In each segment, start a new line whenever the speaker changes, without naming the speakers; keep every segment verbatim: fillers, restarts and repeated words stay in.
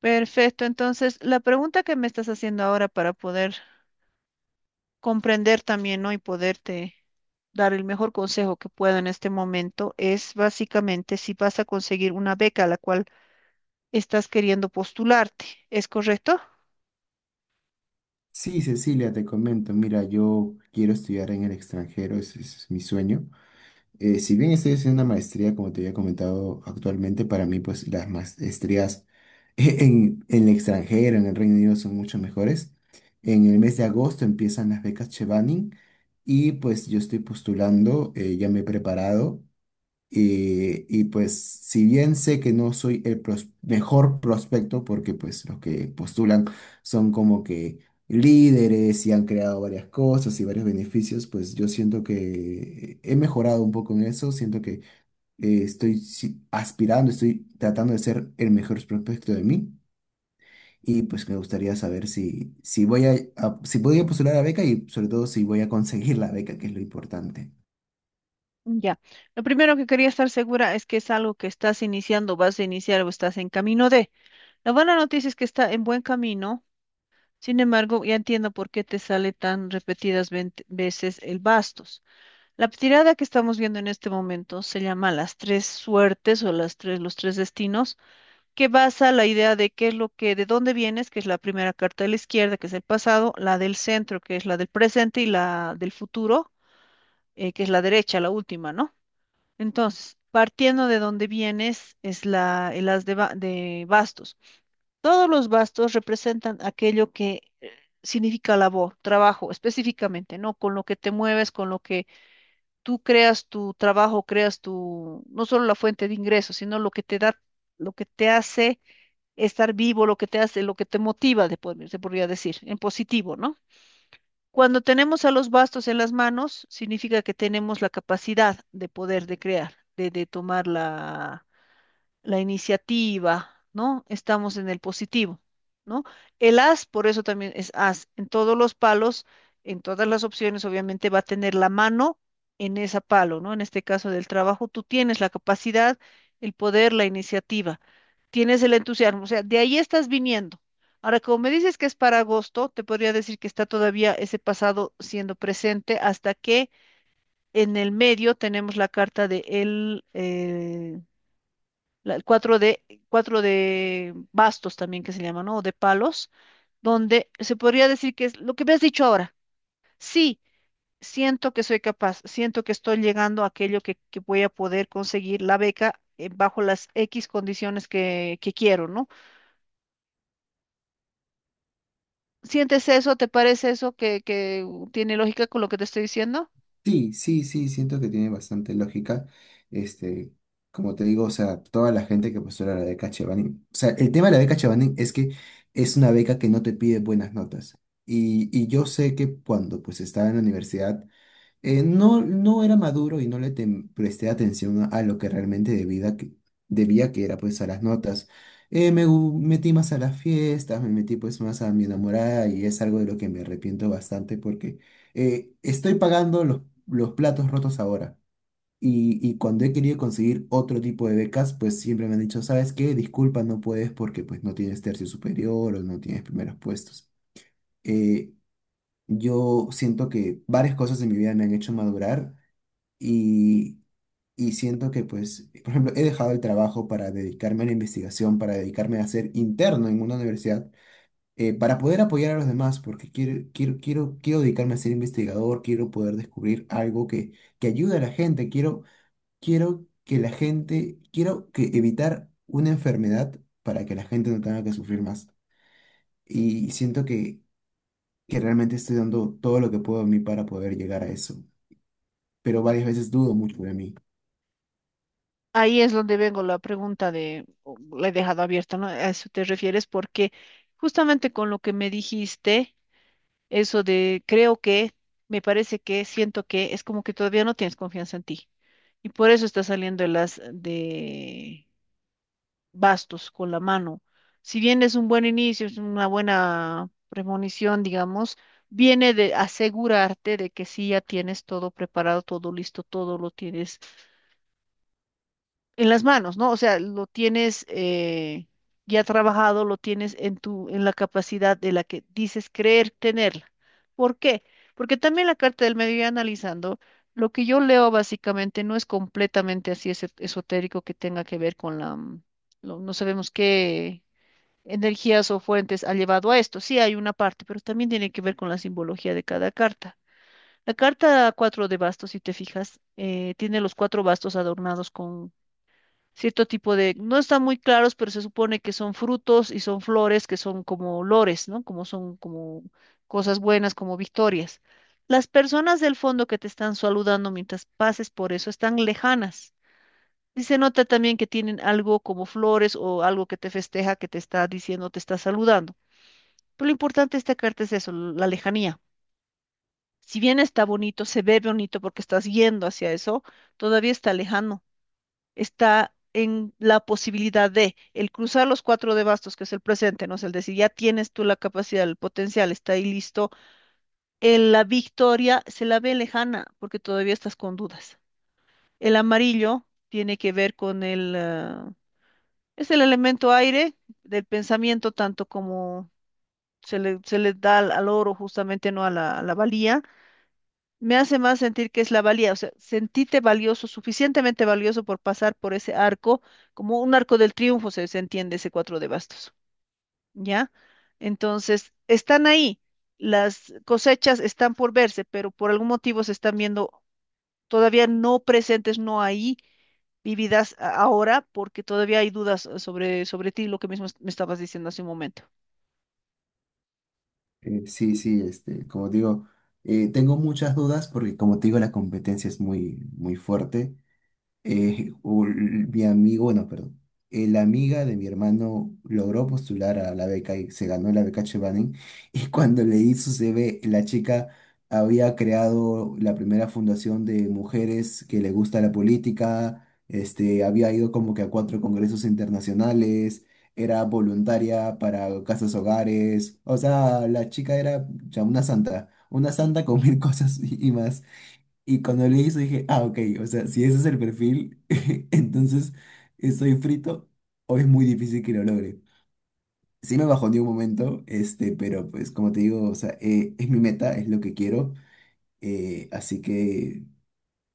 Perfecto, entonces la pregunta que me estás haciendo ahora para poder comprender también, ¿no? Y poderte dar el mejor consejo que puedo en este momento es básicamente si vas a conseguir una beca a la cual estás queriendo postularte, ¿es correcto?
Sí, Cecilia, te comento, mira, yo quiero estudiar en el extranjero, ese es mi sueño. Eh, si bien estoy haciendo una maestría, como te había comentado actualmente, para mí pues las maestrías en, en el extranjero, en el Reino Unido, son mucho mejores. En el mes de agosto empiezan las becas Chevening y pues yo estoy postulando, eh, ya me he preparado. Eh, y pues si bien sé que no soy el pros- mejor prospecto, porque pues los que postulan son como que líderes y han creado varias cosas y varios beneficios, pues yo siento que he mejorado un poco en eso, siento que eh, estoy si- aspirando, estoy tratando de ser el mejor prospecto de mí. Y pues me gustaría saber si, si voy a, a- si voy a postular la beca y sobre todo si voy a conseguir la beca, que es lo importante.
Ya. Lo primero que quería estar segura es que es algo que estás iniciando, vas a iniciar o estás en camino de. La buena noticia es que está en buen camino, sin embargo, ya entiendo por qué te sale tan repetidas ven- veces el bastos. La tirada que estamos viendo en este momento se llama las tres suertes o las tres, los tres destinos, que basa la idea de qué es lo que, de dónde vienes, que es la primera carta de la izquierda, que es el pasado, la del centro, que es la del presente, y la del futuro, eh, que es la derecha, la última, ¿no? Entonces, partiendo de dónde vienes, es la, el as de, ba- de bastos. Todos los bastos representan aquello que eh, significa labor, trabajo, específicamente, ¿no? Con lo que te mueves, con lo que tú creas tu trabajo, creas tu, no solo la fuente de ingresos, sino lo que te da, lo que te hace estar vivo, lo que te hace, lo que te motiva, de pod- se podría decir, en positivo, ¿no? Cuando tenemos a los bastos en las manos, significa que tenemos la capacidad de poder de crear, de, de tomar la la iniciativa, ¿no? Estamos en el positivo, ¿no? El as, por eso también es as. En todos los palos, en todas las opciones, obviamente va a tener la mano en ese palo, ¿no? En este caso del trabajo, tú tienes la capacidad, el poder, la iniciativa, tienes el entusiasmo, o sea, de ahí estás viniendo. Ahora, como me dices que es para agosto, te podría decir que está todavía ese pasado siendo presente hasta que en el medio tenemos la carta de el, eh, la- el cuatro de, cuatro de bastos también que se llama, ¿no? O de palos, donde se podría decir que es lo que me has dicho ahora. Sí, siento que soy capaz, siento que estoy llegando a aquello que, que voy a poder conseguir la beca eh, bajo las X condiciones que, que quiero, ¿no? ¿Sientes eso? ¿Te parece eso que, que tiene lógica con lo que te estoy diciendo?
Sí, sí, sí, siento que tiene bastante lógica. Este, como te digo, o sea, toda la gente que postula la beca Chevening, o sea, el tema de la beca Chevening es que es una beca que no te pide buenas notas. Y, y yo sé que cuando pues estaba en la universidad, eh, no, no era maduro y no le tem- presté atención a, a lo que realmente debía que, debía, que era pues a las notas. Eh, me gu- metí más a las fiestas, me metí pues más a mi enamorada y es algo de lo que me arrepiento bastante porque eh, estoy pagando los, los platos rotos ahora. Y, y cuando he querido conseguir otro tipo de becas, pues siempre me han dicho, ¿sabes qué? Disculpa, no puedes porque pues no tienes tercio superior o no tienes primeros puestos. Eh, yo siento que varias cosas en mi vida me han hecho madurar y, y siento que, pues, por ejemplo, he dejado el trabajo para dedicarme a la investigación, para dedicarme a ser interno en una universidad, eh, para poder apoyar a los demás, porque quiero, quiero, quiero, quiero dedicarme a ser investigador, quiero poder descubrir algo que, que ayude a la gente, quiero, quiero que la gente, quiero que evitar una enfermedad para que la gente no tenga que sufrir más. Y siento que, que realmente estoy dando todo lo que puedo de mí para poder llegar a eso, pero varias veces dudo mucho de mí.
Ahí es donde vengo la pregunta de, o la he dejado abierta, ¿no? A eso te refieres porque justamente con lo que me dijiste. Eso de creo que, me parece que, siento que, es como que todavía no tienes confianza en ti. Y por eso está saliendo el as de bastos con la mano. Si bien es un buen inicio, es una buena premonición, digamos, viene de asegurarte de que sí ya tienes todo preparado, todo listo, todo lo tienes en las manos, ¿no? O sea, lo tienes eh, ya trabajado, lo tienes en tu, en la capacidad de la que dices creer tenerla. ¿Por qué? Porque también la carta del medio, ya analizando, lo que yo leo básicamente no es completamente así ese- esotérico que tenga que ver con la, mm, lo- no sabemos qué energías o fuentes ha llevado a esto. Sí, hay una parte, pero también tiene que ver con la simbología de cada carta. La carta cuatro de bastos, si te fijas, eh, tiene los cuatro bastos adornados cierto tipo de, no están muy claros, pero se supone que son frutos y son flores que son como olores, ¿no? Como son como cosas buenas, como victorias. Las personas del fondo que te están saludando mientras pases por eso están lejanas. Y se nota también que tienen algo como flores o algo que te festeja, que te está diciendo, te está saludando. Pero lo importante de esta carta es eso, la lejanía. Si bien está bonito, se ve bonito porque estás yendo hacia eso, todavía está lejano, está en la posibilidad de el cruzar los cuatro de bastos, que es el presente, ¿no? Es el decir, ya tienes tú la capacidad, el potencial, está ahí listo. El- la victoria se la ve lejana porque todavía estás con dudas. El amarillo tiene que ver con el, ah, es el elemento aire del pensamiento, tanto como se le, se le da al, al oro justamente, ¿no? A la, a la valía. Me hace más sentir que es la valía, o sea, sentíte valioso, suficientemente valioso por pasar por ese arco, como un arco del triunfo, se, se entiende ese cuatro de bastos, ¿ya? Entonces, están ahí, las cosechas están por verse, pero por algún motivo se están viendo todavía no presentes, no ahí, vividas a- ahora, porque todavía hay dudas eh, sobre, sobre ti, lo que mismo es- me estabas diciendo hace un momento.
Eh, sí, sí, este, como digo, eh, tengo muchas dudas porque como te digo, la competencia es muy, muy fuerte, eh, u- mi amigo, bueno, perdón, eh, la amiga de mi hermano logró postular a la beca y se ganó la beca Chevening. Y cuando leí su C V, la chica había creado la primera fundación de mujeres que le gusta la política, este, había ido como que a cuatro congresos internacionales, era voluntaria para casas hogares, o sea, la chica era ya una santa, una santa con mil cosas y y más. Y cuando leí eso dije, ah, ok, o sea, si ese es el perfil, entonces estoy frito o es muy difícil que lo logre. Sí me bajó de un momento, este, pero pues como te digo, o sea, eh, es mi meta, es lo que quiero, eh, así que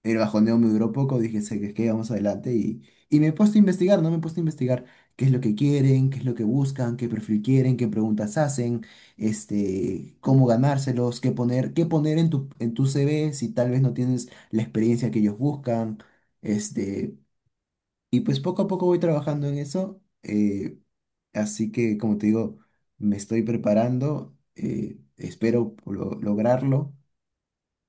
el bajoneo me duró poco, dije, sé que que vamos adelante y, y me he puesto a investigar, ¿no? Me he puesto a investigar qué es lo que quieren, qué es lo que buscan, qué perfil quieren, qué preguntas hacen, este, cómo ganárselos, qué poner, qué poner en tu, en tu C V si tal vez no tienes la experiencia que ellos buscan, este, y pues poco a poco voy trabajando en eso, eh, así que como te digo, me estoy preparando, eh, espero lo- lograrlo.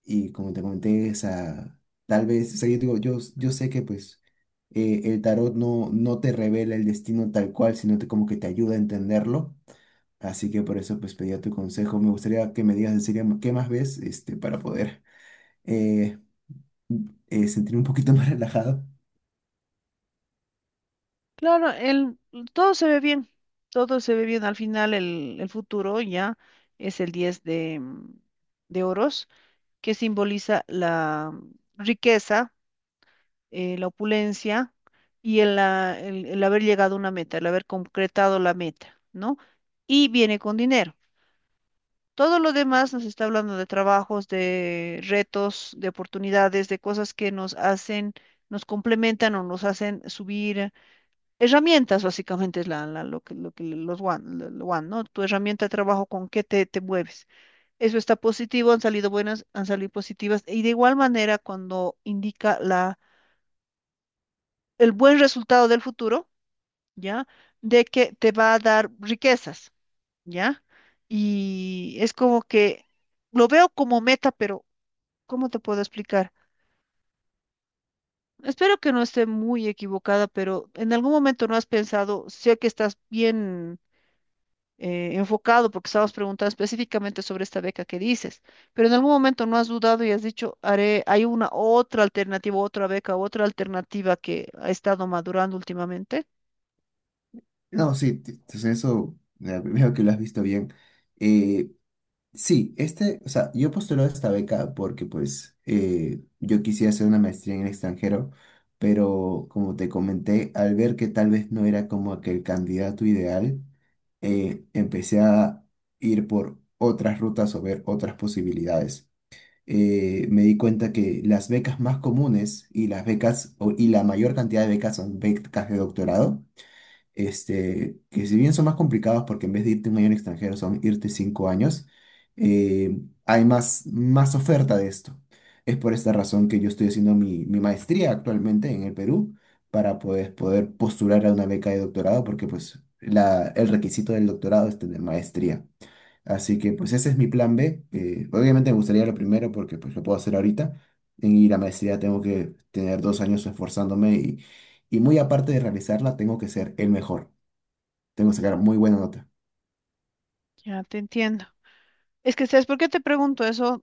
Y como te comenté, o sea, tal vez, o sea, yo digo, yo, yo sé que pues eh, el tarot no, no te revela el destino tal cual, sino te, como que te ayuda a entenderlo. Así que por eso pues pedía tu consejo. Me gustaría que me digas en serio qué más ves este, para poder eh, eh, sentirme un poquito más relajado.
Claro, el, todo se ve bien, todo se ve bien. Al final el, el futuro ya es el diez de, mm, de oros, que simboliza la riqueza, eh, la opulencia y el, ah, el- el haber llegado a una meta, el haber concretado la meta, ¿no? Y viene con dinero. Todo lo demás nos está hablando de trabajos, de retos, de oportunidades, de cosas que nos hacen, nos complementan o nos hacen subir. Herramientas básicamente es la, la- lo que, lo que los One, lo- lo One, ¿no? Tu herramienta de trabajo, con qué te, te mueves. Eso está positivo, han salido buenas, han salido positivas. Y de igual manera, cuando indica la, el buen resultado del futuro, ¿ya? De que te va a dar riquezas, ¿ya? Y es como que lo veo como meta, pero ¿cómo te puedo explicar? Espero que no esté muy equivocada, pero en algún momento no has pensado, sé que estás bien eh, enfocado, porque estabas preguntando específicamente sobre esta beca que dices, pero en algún momento no has dudado y has dicho, haré, hay una otra alternativa, otra beca, otra alternativa que ha estado madurando últimamente.
No, sí, t- entonces eso, eh, veo que lo has visto bien. Eh, Sí, este, o sea, yo postulé esta beca porque pues eh, yo quisiera hacer una maestría en el extranjero, pero como te comenté, al ver que tal vez no era como que el candidato ideal, eh, empecé a ir por otras rutas o ver otras posibilidades. Eh, me di cuenta que las becas más comunes y las becas o- y la mayor cantidad de becas son becas de doctorado, este, que si bien son más complicados porque en vez de irte un año al extranjero son irte cinco años, eh, hay más, más oferta de esto. Es por esta razón que yo estoy haciendo mi, mi maestría actualmente en el Perú para poder, poder postular a una beca de doctorado porque pues la, el requisito del doctorado es tener maestría. Así que pues ese es mi plan B. Eh, obviamente me gustaría lo primero porque pues lo puedo hacer ahorita. En ir a maestría tengo que tener dos años esforzándome y, y muy aparte de realizarla tengo que ser el mejor. Tengo que sacar muy buena nota.
Ya te entiendo. Es que, ¿sabes por qué te pregunto eso?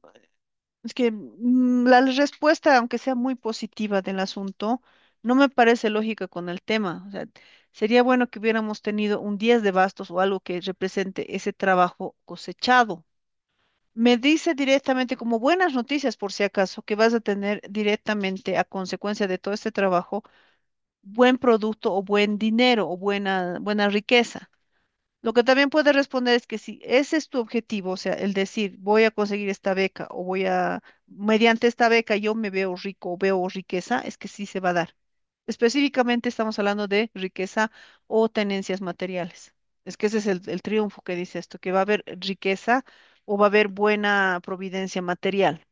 Es que mm, la respuesta, aunque sea muy positiva del asunto, no me parece lógica con el tema. O sea, sería bueno que hubiéramos tenido un diez de bastos o algo que represente ese trabajo cosechado. Me dice directamente, como buenas noticias por si acaso, que vas a tener directamente a consecuencia de todo este trabajo, buen producto o buen dinero o buena, buena riqueza. Lo que también puedes responder es que si ese es tu objetivo, o sea, el decir, voy a conseguir esta beca o voy a, mediante esta beca yo me veo rico o veo riqueza, es que sí se va a dar. Específicamente estamos hablando de riqueza o tenencias materiales. Es que ese es el, el triunfo que dice esto, que va a haber riqueza o va a haber buena providencia material.